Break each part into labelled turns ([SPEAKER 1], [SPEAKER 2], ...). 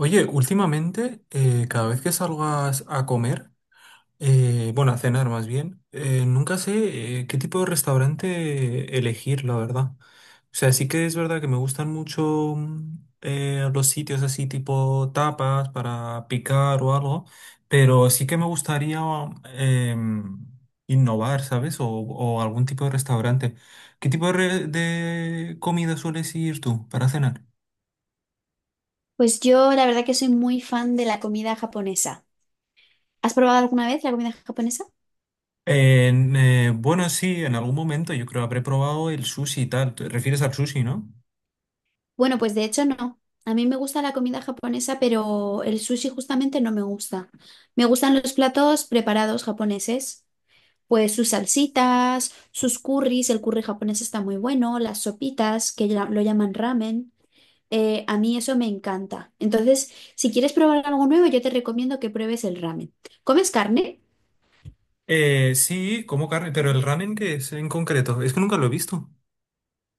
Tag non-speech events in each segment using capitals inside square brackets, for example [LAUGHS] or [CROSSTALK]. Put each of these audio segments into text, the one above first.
[SPEAKER 1] Oye, últimamente, cada vez que salgo a comer, bueno, a cenar más bien, nunca sé qué tipo de restaurante elegir, la verdad. O sea, sí que es verdad que me gustan mucho los sitios así tipo tapas para picar o algo, pero sí que me gustaría em, innovar, ¿sabes? O algún tipo de restaurante. ¿Qué tipo de comida sueles ir tú para cenar?
[SPEAKER 2] Pues yo la verdad que soy muy fan de la comida japonesa. ¿Has probado alguna vez la comida japonesa?
[SPEAKER 1] Bueno, sí, en algún momento yo creo habré probado el sushi y tal. ¿Te refieres al sushi, no?
[SPEAKER 2] Bueno, pues de hecho no. A mí me gusta la comida japonesa, pero el sushi justamente no me gusta. Me gustan los platos preparados japoneses, pues sus salsitas, sus curries, el curry japonés está muy bueno, las sopitas, que lo llaman ramen. A mí eso me encanta. Entonces, si quieres probar algo nuevo, yo te recomiendo que pruebes el ramen. ¿Comes carne?
[SPEAKER 1] Sí, como carne, pero el ramen que es en concreto, es que nunca lo he visto.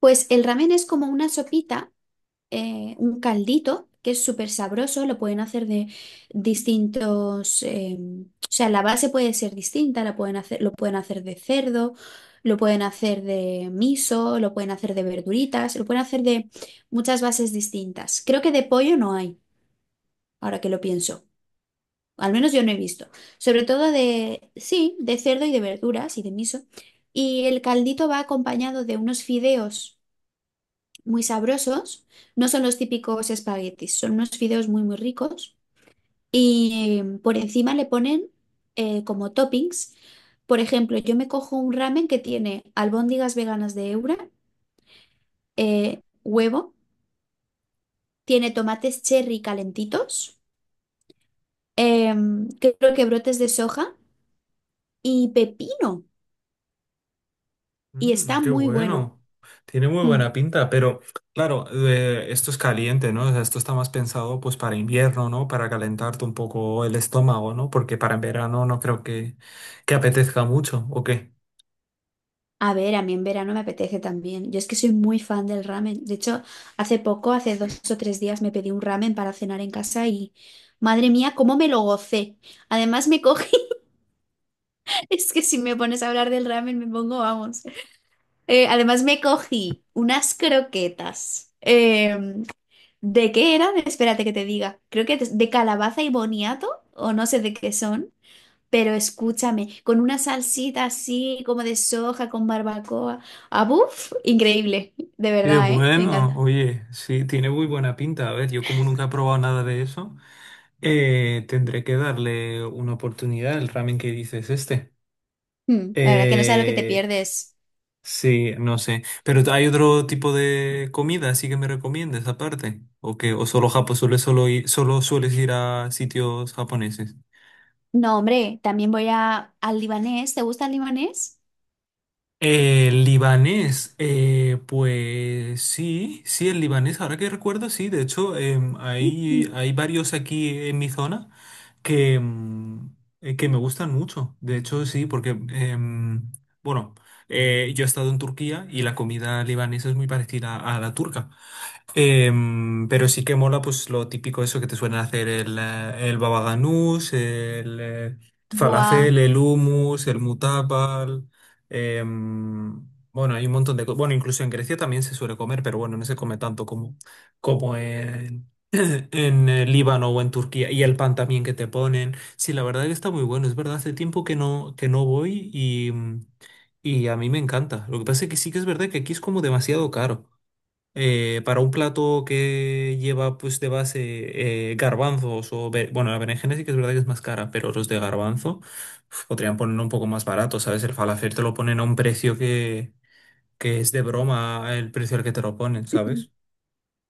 [SPEAKER 2] Pues el ramen es como una sopita un caldito que es súper sabroso, lo pueden hacer de distintos, o sea, la base puede ser distinta, lo pueden hacer de cerdo, lo pueden hacer de miso, lo pueden hacer de verduritas, lo pueden hacer de muchas bases distintas. Creo que de pollo no hay, ahora que lo pienso. Al menos yo no he visto. Sobre todo de, sí, de cerdo y de verduras y de miso. Y el caldito va acompañado de unos fideos muy sabrosos. No son los típicos espaguetis, son unos fideos muy, muy ricos. Y por encima le ponen como toppings. Por ejemplo, yo me cojo un ramen que tiene albóndigas veganas de Eura, huevo, tiene tomates cherry calentitos, creo que brotes de soja y pepino. Y
[SPEAKER 1] Mm,
[SPEAKER 2] está
[SPEAKER 1] qué
[SPEAKER 2] muy bueno.
[SPEAKER 1] bueno. Tiene muy
[SPEAKER 2] Mm.
[SPEAKER 1] buena pinta, pero claro, esto es caliente, ¿no? O sea, esto está más pensado pues para invierno, ¿no? Para calentarte un poco el estómago, ¿no? Porque para en verano no creo que apetezca mucho, ¿o qué?
[SPEAKER 2] A ver, a mí en verano me apetece también. Yo es que soy muy fan del ramen. De hecho, hace poco, hace dos o tres días, me pedí un ramen para cenar en casa y madre mía, cómo me lo gocé. Además me cogí, [LAUGHS] es que si me pones a hablar del ramen me pongo, vamos. Además me cogí unas croquetas. ¿de qué eran? Espérate que te diga. Creo que de calabaza y boniato o no sé de qué son. Pero escúchame, con una salsita así como de soja con barbacoa. Ah, buf, increíble, de
[SPEAKER 1] Qué
[SPEAKER 2] verdad, ¿eh? Me
[SPEAKER 1] bueno,
[SPEAKER 2] encanta.
[SPEAKER 1] oye, sí, tiene muy buena pinta. A ver, yo como nunca he probado nada de eso, tendré que darle una oportunidad al ramen que dices este.
[SPEAKER 2] Mm, la verdad que no sabes lo que te
[SPEAKER 1] Eh,
[SPEAKER 2] pierdes.
[SPEAKER 1] sí, no sé. Pero hay otro tipo de comida, así que me recomiendes aparte. ¿O qué? ¿O solo Japón, solo sueles ir a sitios japoneses?
[SPEAKER 2] No, hombre, también al libanés. ¿Te gusta el libanés?
[SPEAKER 1] El libanés, pues sí, sí, el libanés, ahora que recuerdo, sí, de hecho,
[SPEAKER 2] [CLEARS THROAT]
[SPEAKER 1] hay varios aquí en mi zona que, mm, que me gustan mucho, de hecho, sí, porque, bueno, yo he estado en Turquía y la comida libanesa es muy parecida a la turca. Pero sí que mola pues lo típico eso que te suelen hacer el baba ganús, el
[SPEAKER 2] Buah.
[SPEAKER 1] falafel, el hummus, el mutabal. em, bueno, hay un montón de cosas. Bueno, incluso en Grecia también se suele comer, pero bueno, no se come tanto como en, [COUGHS] [CLEARS THROAT] en Líbano o en Turquía. Y el pan también que te ponen. Sí, la verdad que está muy bueno. Es verdad, hace tiempo que no voy y, y a mí me encanta. Lo que pasa es que sí que es verdad que aquí es como demasiado caro para un plato que lleva pues de base garbanzos o bueno, la berenjena sí que es verdad que es más cara, pero los de garbanzo uf, podrían ponerlo un poco más barato, ¿sabes? El falafel te lo ponen a un precio que es de broma el precio al que te lo ponen,
[SPEAKER 2] [CLEARS THROAT]
[SPEAKER 1] ¿sabes?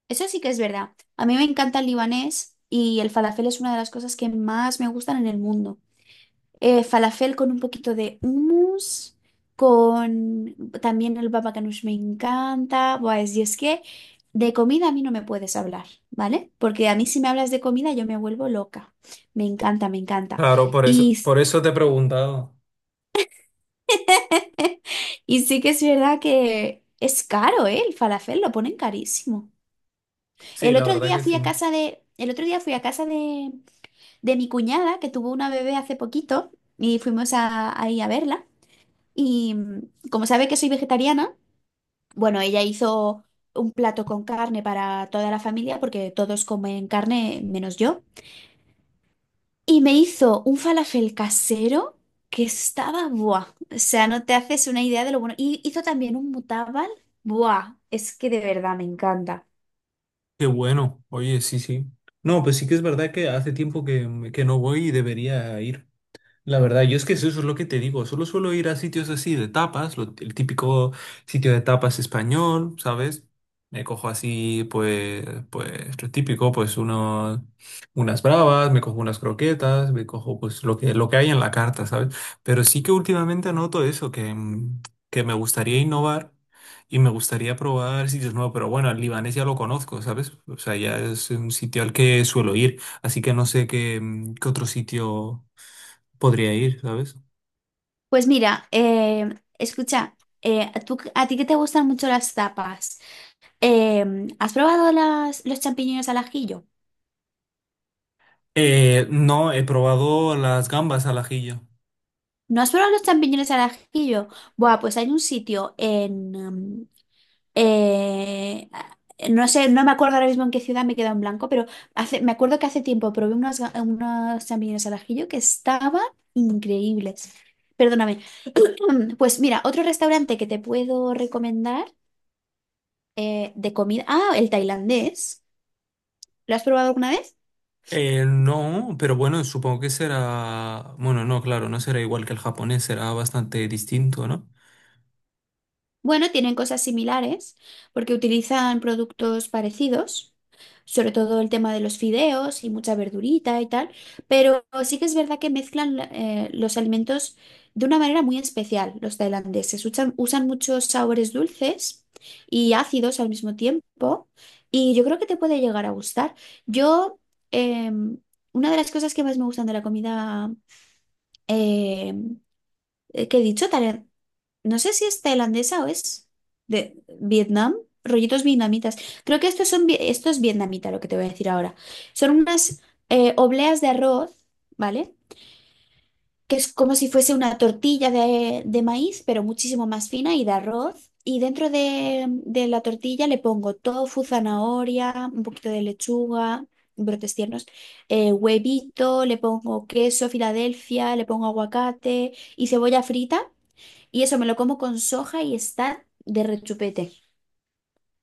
[SPEAKER 2] Eso sí que es verdad. A mí me encanta el libanés y el falafel es una de las cosas que más me gustan en el mundo. Falafel con un poquito de hummus, con también el baba ganoush me encanta. Y es que de comida a mí no me puedes hablar, ¿vale? Porque a mí si me hablas de comida yo me vuelvo loca. Me encanta, me encanta.
[SPEAKER 1] Claro,
[SPEAKER 2] Y,
[SPEAKER 1] por eso te he preguntado.
[SPEAKER 2] [LAUGHS] y sí que es verdad que es caro, ¿eh? El falafel lo ponen carísimo.
[SPEAKER 1] Sí, la verdad que sí.
[SPEAKER 2] El otro día fui a casa de mi cuñada que tuvo una bebé hace poquito y fuimos a, ahí a verla. Y mm, como sabe que soy vegetariana, bueno, ella hizo un plato con carne para toda la familia porque todos comen carne menos yo. Y me hizo un falafel casero que estaba, buah, o sea, no te haces una idea de lo bueno. Y hizo también un mutabal, buah, es que de verdad me encanta.
[SPEAKER 1] Qué bueno, oye, sí, sí. No, pues sí que es verdad que hace tiempo que no voy y debería ir. La verdad, yo es que eso es lo que te digo, solo suelo ir a sitios así de tapas, el típico sitio de tapas español, ¿sabes? Me cojo así, pues, pues lo típico, pues unas bravas, me cojo unas croquetas, me cojo pues lo que hay en la carta, ¿sabes? Pero sí que últimamente noto eso, que, que me gustaría innovar y me gustaría probar sitios nuevos, pero bueno, el libanés ya lo conozco, ¿sabes? O sea, ya es un sitio al que suelo ir, así que no sé qué, qué otro sitio... Podría ir, ¿sabes?
[SPEAKER 2] Pues mira, escucha, ¿ a ti que te gustan mucho las tapas, ¿has probado los champiñones al ajillo?
[SPEAKER 1] No, he probado las gambas al ajillo.
[SPEAKER 2] ¿No has probado los champiñones al ajillo? Buah, pues hay un sitio en... mm, eh, no sé, no me acuerdo ahora mismo en qué ciudad me he quedado en blanco, pero me acuerdo que hace tiempo probé unos champiñones al ajillo que estaban increíbles. Perdóname. [CLEARS THROAT] Pues mira, otro restaurante que te puedo recomendar de comida. Ah, el tailandés. ¿Lo has probado alguna vez?
[SPEAKER 1] No, pero bueno, supongo que será... Bueno, no, claro, no será igual que el japonés, será bastante distinto, ¿no?
[SPEAKER 2] Bueno, tienen cosas similares porque utilizan productos parecidos, sobre todo el tema de los fideos y mucha verdurita y tal, pero sí que es verdad que mezclan los alimentos de una manera muy especial los tailandeses. Usan muchos sabores dulces y ácidos al mismo tiempo y yo creo que te puede llegar a gustar. Yo, em, una de las cosas que más me gustan de la comida em, que he dicho, no sé si es tailandesa o es de Vietnam, rollitos vietnamitas. Creo que estos son, vi- Esto es vietnamita lo que te voy a decir ahora. Son unas obleas de arroz, ¿vale? Que es como si fuese una tortilla de maíz, pero muchísimo más fina y de arroz. Y dentro de la tortilla le pongo tofu, zanahoria, un poquito de lechuga, brotes tiernos, huevito, le pongo queso, Filadelfia, le pongo aguacate y cebolla frita. Y eso me lo como con soja y está de rechupete.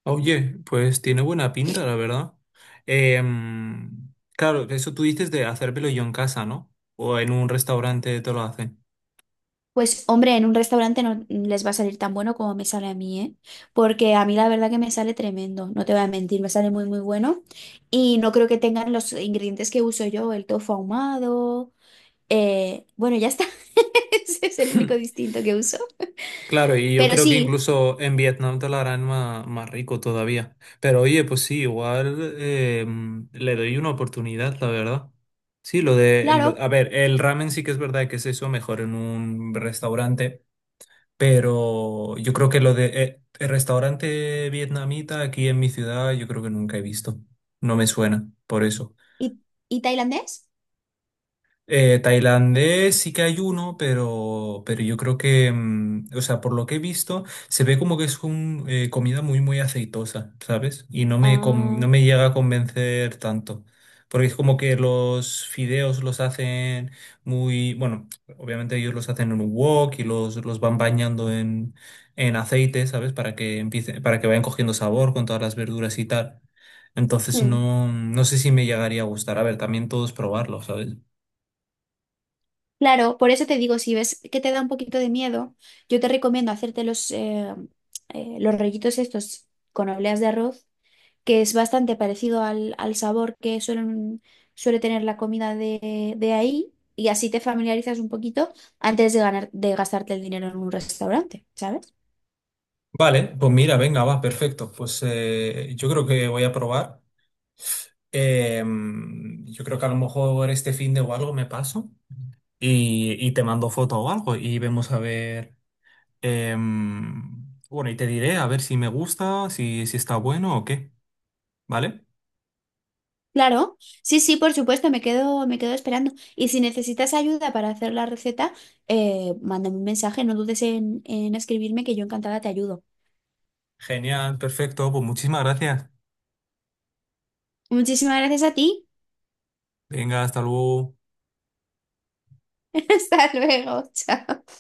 [SPEAKER 1] Oye, pues tiene buena pinta, la verdad. Em, claro, eso tú dices de hacérmelo yo en casa, ¿no? O en un restaurante te lo hacen.
[SPEAKER 2] Pues hombre, en un restaurante no les va a salir tan bueno como me sale a mí, ¿eh? Porque a mí la verdad que me sale tremendo, no te voy a mentir, me sale muy muy bueno y no creo que tengan los ingredientes que uso yo, el tofu ahumado, bueno, ya está, [LAUGHS] ese es el único
[SPEAKER 1] [LAUGHS]
[SPEAKER 2] distinto que uso.
[SPEAKER 1] Claro, y yo
[SPEAKER 2] Pero
[SPEAKER 1] creo que
[SPEAKER 2] sí,
[SPEAKER 1] incluso en Vietnam te lo harán más, más rico todavía. Pero oye, pues sí, igual le doy una oportunidad, la verdad. Sí,
[SPEAKER 2] claro,
[SPEAKER 1] a ver, el ramen sí que es verdad que es eso, mejor en un restaurante, pero yo creo que lo de el restaurante vietnamita aquí en mi ciudad, yo creo que nunca he visto. No me suena, por eso.
[SPEAKER 2] ¿y, y tailandés?
[SPEAKER 1] Tailandés sí que hay uno, pero yo creo que, o sea, por lo que he visto, se ve como que es un, comida muy, muy aceitosa, ¿sabes? Y no me, no
[SPEAKER 2] Ah,
[SPEAKER 1] me llega a convencer tanto. Porque es como que los fideos los hacen muy, bueno, obviamente ellos los hacen en un wok y los van bañando en aceite, ¿sabes? Para que empiece, para que vayan cogiendo sabor con todas las verduras y tal. Entonces
[SPEAKER 2] hmm.
[SPEAKER 1] no, no sé si me llegaría a gustar. A ver, también todos probarlo, ¿sabes?
[SPEAKER 2] Claro, por eso te digo, si ves que te da un poquito de miedo, yo te recomiendo hacerte los rollitos estos con obleas de arroz, que es bastante parecido al sabor que suele tener la comida de ahí, y así te familiarizas un poquito antes de gastarte el dinero en un restaurante, ¿sabes?
[SPEAKER 1] Vale, pues mira, venga, va, perfecto. Pues yo creo que voy a probar. Em, yo creo que a lo mejor este fin de o algo me paso y te mando foto o algo y vemos a ver. Bueno, y te diré a ver si me gusta, si está bueno o qué. ¿Vale?
[SPEAKER 2] Claro, sí, sí, por supuesto, me quedo esperando. Y si necesitas ayuda para hacer la receta, mándame un mensaje, no dudes en escribirme que yo encantada te ayudo.
[SPEAKER 1] Genial, perfecto. Pues muchísimas gracias.
[SPEAKER 2] Muchísimas gracias a ti.
[SPEAKER 1] Venga, hasta luego.
[SPEAKER 2] [LAUGHS] Hasta luego, chao.